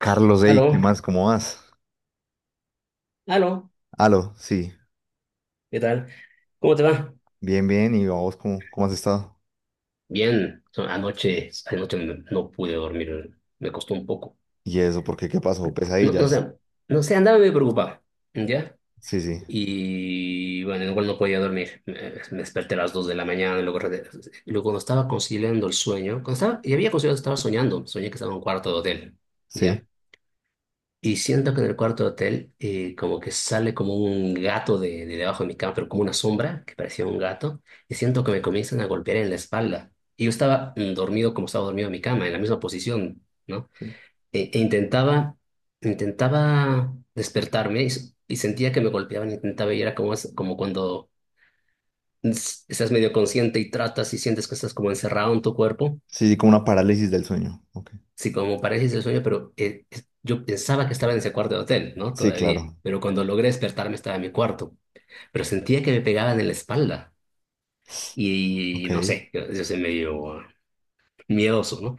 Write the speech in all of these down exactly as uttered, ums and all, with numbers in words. Carlos, hey, ¿qué Aló, más? ¿Cómo vas? aló, Aló, sí, ¿qué tal? ¿Cómo te va? bien, bien, y vos, ¿cómo, cómo has estado? Bien, so- anoche, anoche me- no pude dormir, me costó un poco. ¿Y eso? ¿Por qué? ¿Qué pasó? No, no ¿Pesadillas? sé, no sé, andaba medio preocupado, ¿ya? Sí, sí, Y bueno, igual no podía dormir, me, me desperté a las dos de la mañana, y luego, re- y luego cuando estaba conciliando el sueño, cuando estaba, y había conciliado, estaba soñando, soñé que estaba en un cuarto de hotel, ¿ya? sí, Y siento que en el cuarto hotel, eh, como que sale como un gato de, de debajo de mi cama, pero como una sombra que parecía un gato, y siento que me comienzan a golpear en la espalda. Y yo estaba, mm, dormido como estaba dormido en mi cama, en la misma posición, ¿no? sí, E, e intentaba, intentaba despertarme y, s- y sentía que me golpeaban, intentaba y era como, es- como cuando es- estás medio consciente y tratas y sientes que estás como encerrado en tu cuerpo. sí, sí, como una parálisis del sueño. Ok. Sí, como parece ese sueño, pero eh, es- yo pensaba que estaba en ese cuarto de hotel, ¿no? Sí, Todavía. claro, Pero cuando logré despertarme estaba en mi cuarto. Pero sentía que me pegaban en la espalda. Y ok, no sé, yo, yo soy medio miedoso, ¿no?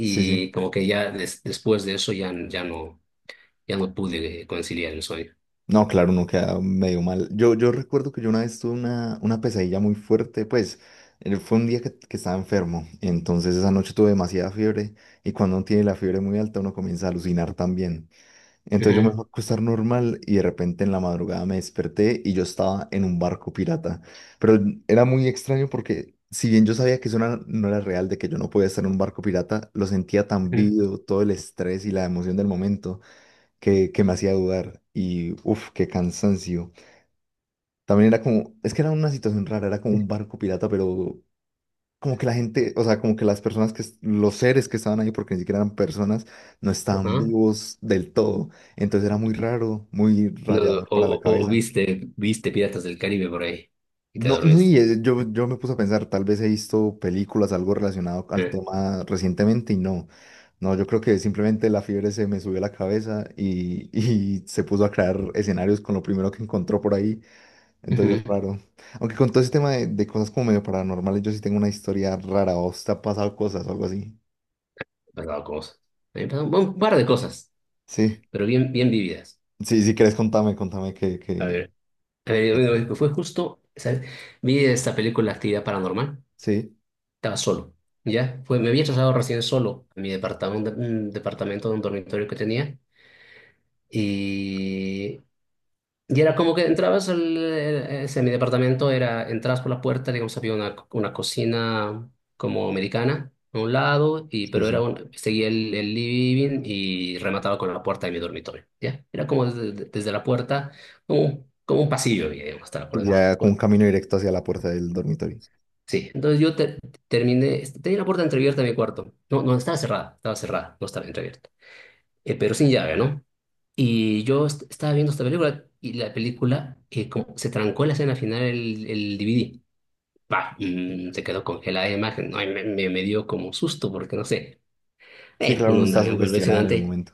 sí, sí. como que ya des- después de eso ya, ya no, ya no pude conciliar el sueño. No, claro, uno queda medio mal. Yo, yo recuerdo que yo una vez tuve una, una pesadilla muy fuerte, pues eh, fue un día que, que estaba enfermo, entonces esa noche tuve demasiada fiebre y cuando uno tiene la fiebre muy alta uno comienza a alucinar también. Entonces yo me Ujú, fui a acostar normal y de repente en la madrugada me desperté y yo estaba en un barco pirata. Pero era muy extraño porque si bien yo sabía que eso no era, no era real, de que yo no podía estar en un barco pirata, lo sentía tan ujú, vivo, todo el estrés y la emoción del momento que, que me hacía dudar. Y uff, qué cansancio. También era como, es que era una situación rara, era como un barco pirata, pero como que la gente, o sea, como que las personas que, es- los seres que estaban ahí, porque ni siquiera eran personas, no estaban ajá. vivos del todo. Entonces era muy raro, muy No, o, rayador para la o- o cabeza. viste, viste Piratas del Caribe por ahí y te No, no, dormiste. y eh, yo, yo me puse a pensar, tal vez he visto películas, algo relacionado al Eh, tema recientemente y no. No, yo creo que simplemente la fiebre se me subió a la cabeza y, y se puso a crear escenarios con lo primero que encontró por ahí. Ujú. Me Entonces, es han raro. Aunque con todo ese tema de, de cosas como medio paranormales, yo sí tengo una historia rara. ¿O te ha pasado cosas o algo así? pasado cosas. Me han pasado un par de cosas, Sí, pero bien, bien vividas. sí, si quieres, contame, contame que, A que... ver, a ver, bueno, fue justo, ¿sabes? Vi esta película Actividad Paranormal, Sí, estaba solo, ¿ya? Fue, me había trasladado recién solo a mi departamento, un departamento de un dormitorio que tenía y, y era como que entrabas al, eh, ese, mi departamento, era, entrabas por la puerta, digamos, había una, una cocina como americana a un lado, y, sí, pero era sí. un, seguía el, el living y remataba con la puerta de mi dormitorio, ¿ya? Era como desde, desde la puerta, como un como un pasillo, digamos, hasta la puerta de mi cuarto. Ya con un Bueno. camino directo hacia la puerta del dormitorio. Sí, entonces yo te- terminé, este, tenía la puerta entreabierta de mi cuarto. No, no, estaba cerrada, estaba cerrada, no estaba entreabierta. Eh, pero sin llave, ¿no? Y yo est- estaba viendo esta película y la película, eh, como se trancó en la escena final el, el D V D. Bah, mm, se quedó congelada la imagen. Ay, me, me, me dio como susto porque no sé. Sí, Eh, claro, Uno uno anda está medio sugestionado en el convencionante momento.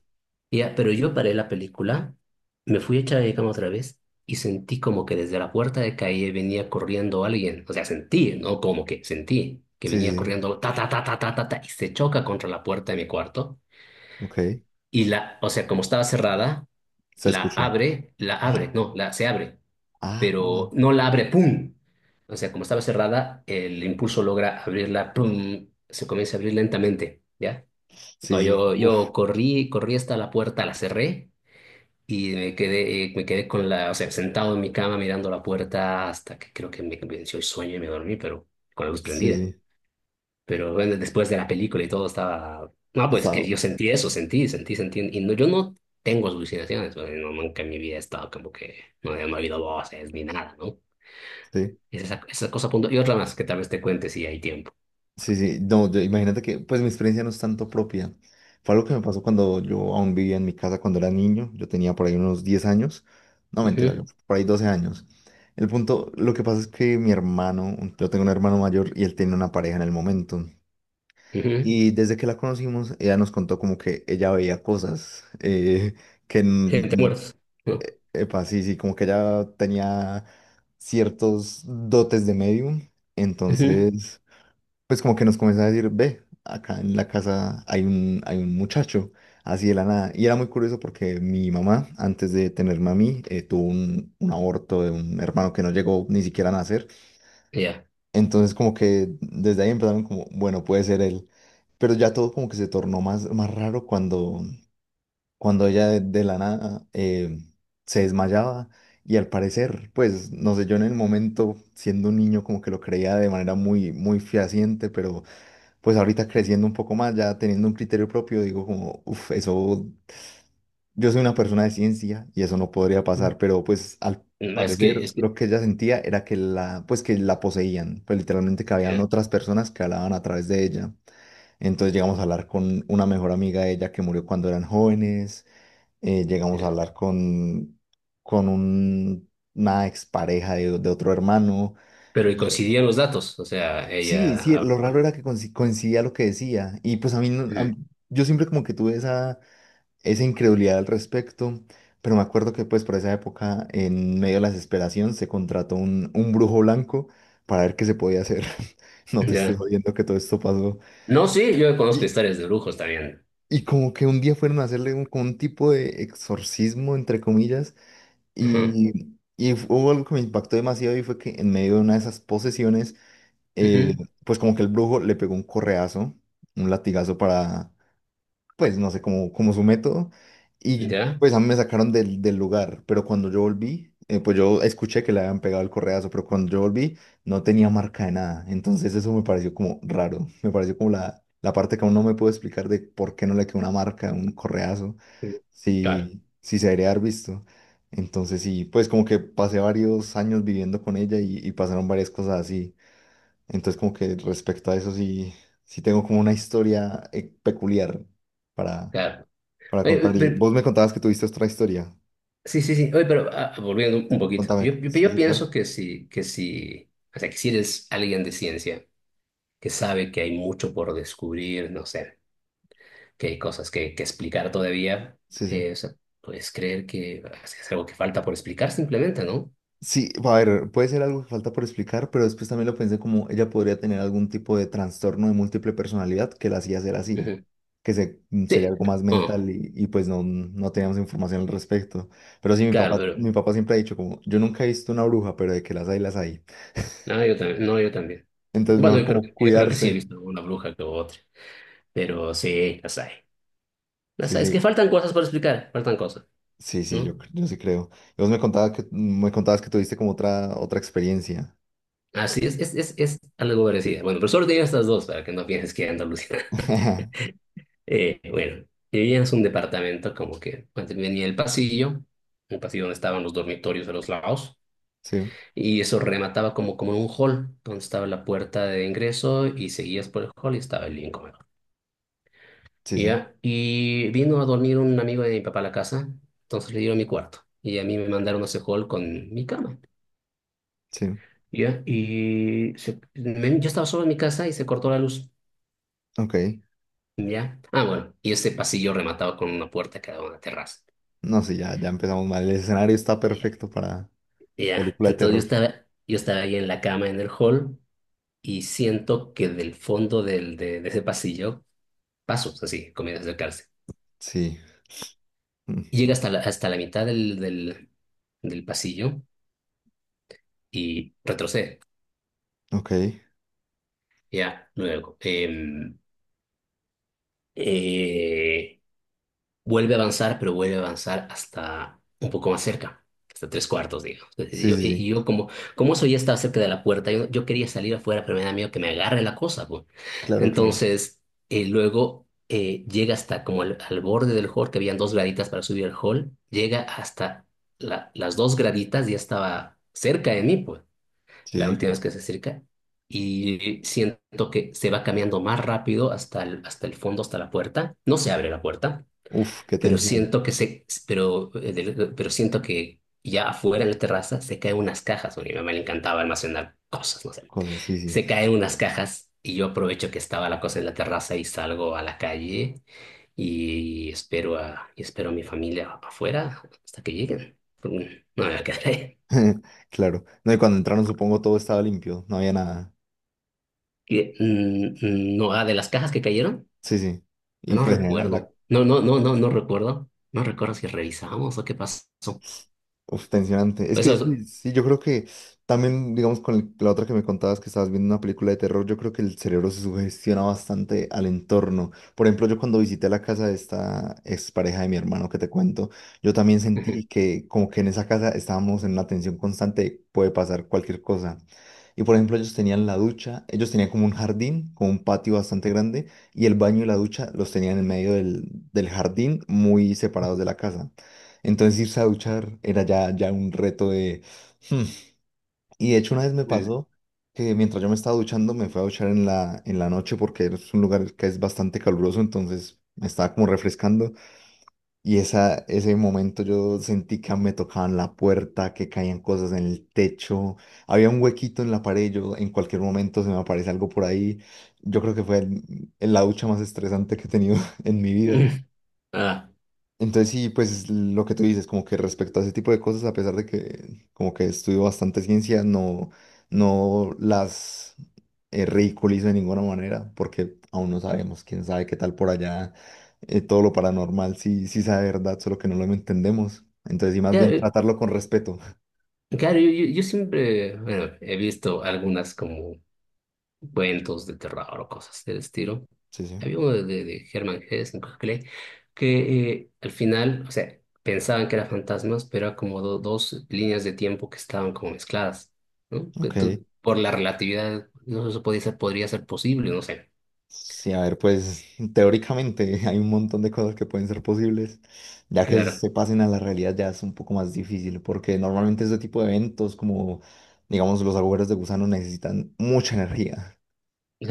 ya, pero yo paré la película, me fui a echar de cama otra vez y sentí como que desde la puerta de calle venía corriendo alguien. O sea, sentí, ¿no? Como que sentí que Sí, sí, venía sí. corriendo ta, ta, ta, ta, ta, ta, ta, y se choca contra la puerta de mi cuarto. Ok, Y la, o sea, como estaba cerrada, se la escuchó. abre, la abre, Ah, no, la, se abre, ah, pero bueno. no la abre, ¡pum! O sea, como estaba cerrada, el impulso logra abrirla, ¡pum! Se comienza a abrir lentamente, ¿ya? Sí, No, sí. yo, Uf, yo corrí, corrí hasta la puerta, la cerré. Y me quedé, eh, me quedé con la, o sea, sentado en mi cama mirando la puerta hasta que creo que me venció el sueño y me dormí, pero con la luz sí, prendida. sí. Pero bueno, después de la película y todo estaba. No, pues Está... que yo sentí eso, sentí, sentí, sentí. Y no, yo no tengo alucinaciones, o sea, no, nunca en mi vida he estado como que no, he- no ha habido voces ni nada, ¿no? Sí. Es esa, esa cosa punto. Y otra más que tal vez te cuente si hay tiempo. Sí, sí, no, yo- imagínate que, pues mi experiencia no es tanto propia. Fue algo que me pasó cuando yo aún vivía en mi casa cuando era niño. Yo tenía por ahí unos diez años. No, mentira, yo Ujú, por ahí doce años. El punto, lo que pasa es que mi hermano, yo tengo un hermano mayor y él tenía una pareja en el momento. ujú. Y desde que la conocimos, ella nos contó como que ella veía cosas, eh, que, Gente n- muerta. epa, sí, sí, como que ella tenía ciertos dotes de medium. Ok. Ujú. Entonces pues como que nos comenzó a decir, ve, acá en la casa hay un, hay un muchacho, así de la nada. Y era muy curioso porque mi mamá, antes de tenerme a mí, eh, tuvo un, un aborto de un hermano que no llegó ni siquiera a nacer. Ya. Entonces como que desde ahí empezaron como, bueno, puede ser él. Pero ya todo como que se tornó más, más raro cuando, cuando ella de, de la nada eh, se desmayaba. Y al parecer, pues, no sé, yo en el momento, siendo un niño, como que lo creía de manera muy, muy fehaciente, pero pues ahorita creciendo un poco más, ya teniendo un criterio propio, digo como, uff, eso, yo soy una persona de ciencia y eso no podría pasar, pero pues al Es que, parecer es que, lo que ella sentía era que la, pues que la poseían, pues literalmente que habían ya, otras personas que hablaban a través de ella. Entonces llegamos a hablar con una mejor amiga de ella que murió cuando eran jóvenes, eh, llegamos a ya. hablar con, con un- una expareja de, de otro hermano. Pero y coincidían los datos, o sea, Sí, ella sí, lo raro hablaba. era que coinci- coincidía lo que decía. Y pues a mí, no- a- Mm. mí- yo siempre como que tuve esa, esa incredulidad al respecto, pero me acuerdo que pues por esa época, en medio de la desesperación, se contrató un, un brujo blanco para ver qué se podía hacer. No te estoy Ya. jodiendo que todo esto pasó. No, sí, yo conozco Y, historias de brujos también. y como que un día fueron a hacerle un, como un tipo de exorcismo, entre comillas, Ajá, y, y hubo algo que me impactó demasiado y fue que en medio de una de esas posesiones, eh, ujú. pues como que el brujo le pegó un correazo, un latigazo para, pues no sé, como, como su método, y Ya. pues a mí me sacaron del, del lugar, pero cuando yo volví, eh, pues yo escuché que le habían pegado el correazo, pero cuando yo volví no tenía marca de nada, entonces eso me pareció como raro, me pareció como la, la parte que aún no me puedo explicar de por qué no le quedó una marca, un correazo, Mm. Claro, si, si se debería haber visto. Entonces sí, pues como que pasé varios años viviendo con ella y, y pasaron varias cosas así. Entonces, como que respecto a eso sí, sí tengo como una historia eh, peculiar para, claro. para Oye, pe- contar. Y pe- vos me contabas que tuviste otra historia. sí, sí, sí. Oye, pero, ah, volviendo un poquito. Contame. Yo, yo, Sí, yo sí, claro. pienso que si, que si, o sea, que si eres alguien de ciencia que sabe que hay mucho por descubrir, no sé, que hay cosas que, que explicar todavía, Sí, sí. eh, o sea, puedes creer que es algo que falta por explicar simplemente, ¿no? Sí, a ver, puede ser algo que falta por explicar, pero después también lo pensé como ella podría tener algún tipo de trastorno de múltiple personalidad que la hacía ser así, Ujú. que se, mm, sería Sí. algo más Oh, mental y, y pues no, no teníamos información al respecto. Pero sí, mi papá, claro. mi papá siempre ha dicho como, yo nunca he visto una bruja, pero de que las hay, las hay. No, yo también. No, yo también. Entonces Bueno, mejor yo creo, que- como yo creo que sí he cuidarse. visto una bruja que otra, pero sí, las hay. Sí, Las hay. Es sí. que faltan cosas por explicar, faltan cosas, Sí, sí, ¿no? yo, cre- yo sí creo. Y vos me contabas que, me contabas que tuviste como otra, otra experiencia. Así es, es, es, es algo parecido. Bueno, pero solo tenía estas dos para que no pienses que Andalucía. Eh, bueno, vivíamos un departamento como que antes venía el pasillo, un pasillo donde estaban los dormitorios a los lados, Sí, y eso remataba como, como en un hall, donde estaba la puerta de ingreso y seguías por el hall y estaba el living comedor. sí, sí, Ya, y vino a dormir un amigo de mi papá a la casa, entonces le dieron mi cuarto. Y a mí me mandaron a ese hall con mi cama. sí. Ya, y se- me- yo estaba solo en mi casa y se cortó la luz. Ok. Ya. Ah, bueno, y ese pasillo rematado con una puerta que daba a una terraza. No, sí, ya, ya empezamos mal. El escenario está Ya. perfecto para Ya. película de Entonces yo terror. estaba, yo estaba ahí en la cama en el hall y siento que del fondo del, de, de ese pasillo, pasos así, comienza a acercarse. Sí. Mm. Y llega hasta la, hasta la mitad del, del, del pasillo y retrocede. Ok. Ya, luego. em, eh, Vuelve a avanzar, pero vuelve a avanzar hasta un poco más cerca, hasta tres cuartos, digamos. Entonces, Sí, yo, sí, y- y sí. yo como, como eso ya estaba cerca de la puerta, yo, yo quería salir afuera, pero me da miedo que me agarre la cosa, pues. Claro, claro. Entonces, eh, luego, eh, llega hasta como al, al borde del hall, que habían dos graditas para subir al hall, llega hasta la- las dos graditas, ya estaba cerca de mí, pues Sí, la sí. última vez que se acerca. Y siento que se va cambiando más rápido hasta el, hasta el fondo, hasta la puerta. No se abre la puerta, Uf, qué pero tensión. siento que se, pero, eh, del- pero siento que ya afuera en la terraza se caen unas cajas. Bueno, a mi mamá le encantaba almacenar cosas, no sé. Cosas, sí, sí. Se caen unas cajas y yo aprovecho que estaba la cosa en la terraza y salgo a la calle y espero a, y espero a mi familia afuera hasta que lleguen. Mm. No me voy a quedar ahí. Claro. No, y cuando entraron, supongo todo estaba limpio. No había nada. Que, mm, mm, No, ah, de las cajas que cayeron. Sí, sí. Y No pues en general, la, recuerdo. No, no, no, no, no recuerdo. No recuerdo si revisamos o qué pasó. uf, tensionante. Es Pues que eso sí, sí, yo creo que también, digamos, con el- la otra que me contabas que estabas viendo una película de terror, yo creo que el cerebro se sugestiona bastante al entorno. Por ejemplo, yo cuando visité la casa de esta expareja de mi hermano que te cuento, yo también es. sentí que como que en esa casa estábamos en una tensión constante, de puede pasar cualquier cosa. Y por ejemplo, ellos tenían la ducha, ellos tenían como un jardín, como un patio bastante grande, y el baño y la ducha los tenían en medio del, del jardín, muy separados de la casa. Entonces irse a duchar era ya, ya un reto de. Hmm. Y de hecho una vez me Ujú. pasó que mientras yo me estaba duchando me fui a duchar en la, en la noche porque es un lugar que es bastante caluroso, entonces me estaba como refrescando y esa, ese momento yo sentí que me tocaban la puerta, que caían cosas en el techo, había un huequito en la pared, yo en cualquier momento se me aparece algo por ahí. Yo creo que fue el- el- la ducha más estresante que he tenido en mi Ujú. vida. Ah, Entonces sí, pues lo que tú dices, como que respecto a ese tipo de cosas, a pesar de que como que estudio bastante ciencia, no, no las eh, ridiculizo de ninguna manera, porque aún no sabemos, quién sabe qué tal por allá, eh, todo lo paranormal sí, sí sabe verdad, solo que no lo entendemos. Entonces sí, más bien claro, tratarlo con respeto. claro, yo, yo- yo siempre, bueno, he visto algunas como cuentos de terror o cosas del estilo. Sí, sí. Había uno de, de, de Hermann Hesse, creo que leí, que, eh, al final, o sea, pensaban que eran fantasmas, pero era como do- dos líneas de tiempo que estaban como mezcladas, ¿no? Que Ok. tú, por la relatividad, no eso podía ser, podría ser posible, no sé. Sí, a ver, pues teóricamente hay un montón de cosas que pueden ser posibles, ya que Claro. se pasen a la realidad ya es un poco más difícil, porque normalmente este tipo de eventos, como digamos los agujeros de gusano, necesitan mucha energía.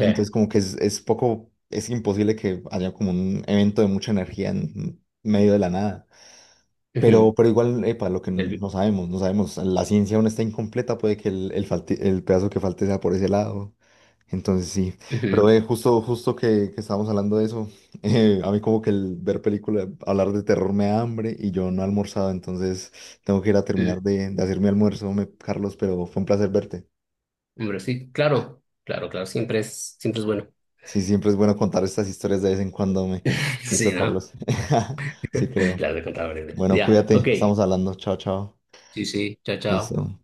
Entonces como que es, es poco, es imposible que haya como un evento de mucha energía en medio de la nada. Pero, Ujú, pero igual, epa, lo que el- no sabemos, no sabemos, la ciencia aún está incompleta, puede que el, el falte- el pedazo que falte sea por ese lado. Entonces sí, pero ujú, eh, justo, justo que, que estábamos hablando de eso, eh, a mí como que el ver películas, hablar de terror me da hambre y yo no he almorzado, entonces tengo que ir a mm. terminar de, de hacer mi almuerzo, me- Carlos, pero fue un placer verte. Hombre, sí, claro, claro, claro, siempre es, siempre es bueno. Sí, siempre es bueno contar estas historias de vez en cuando, me... Sí, Listo, ¿no? Carlos. Sí, creo. Las de contadores. Bueno, Ya, cuídate, ok. estamos hablando. Chao, chao. Sí, sí, chao, chao. Listo.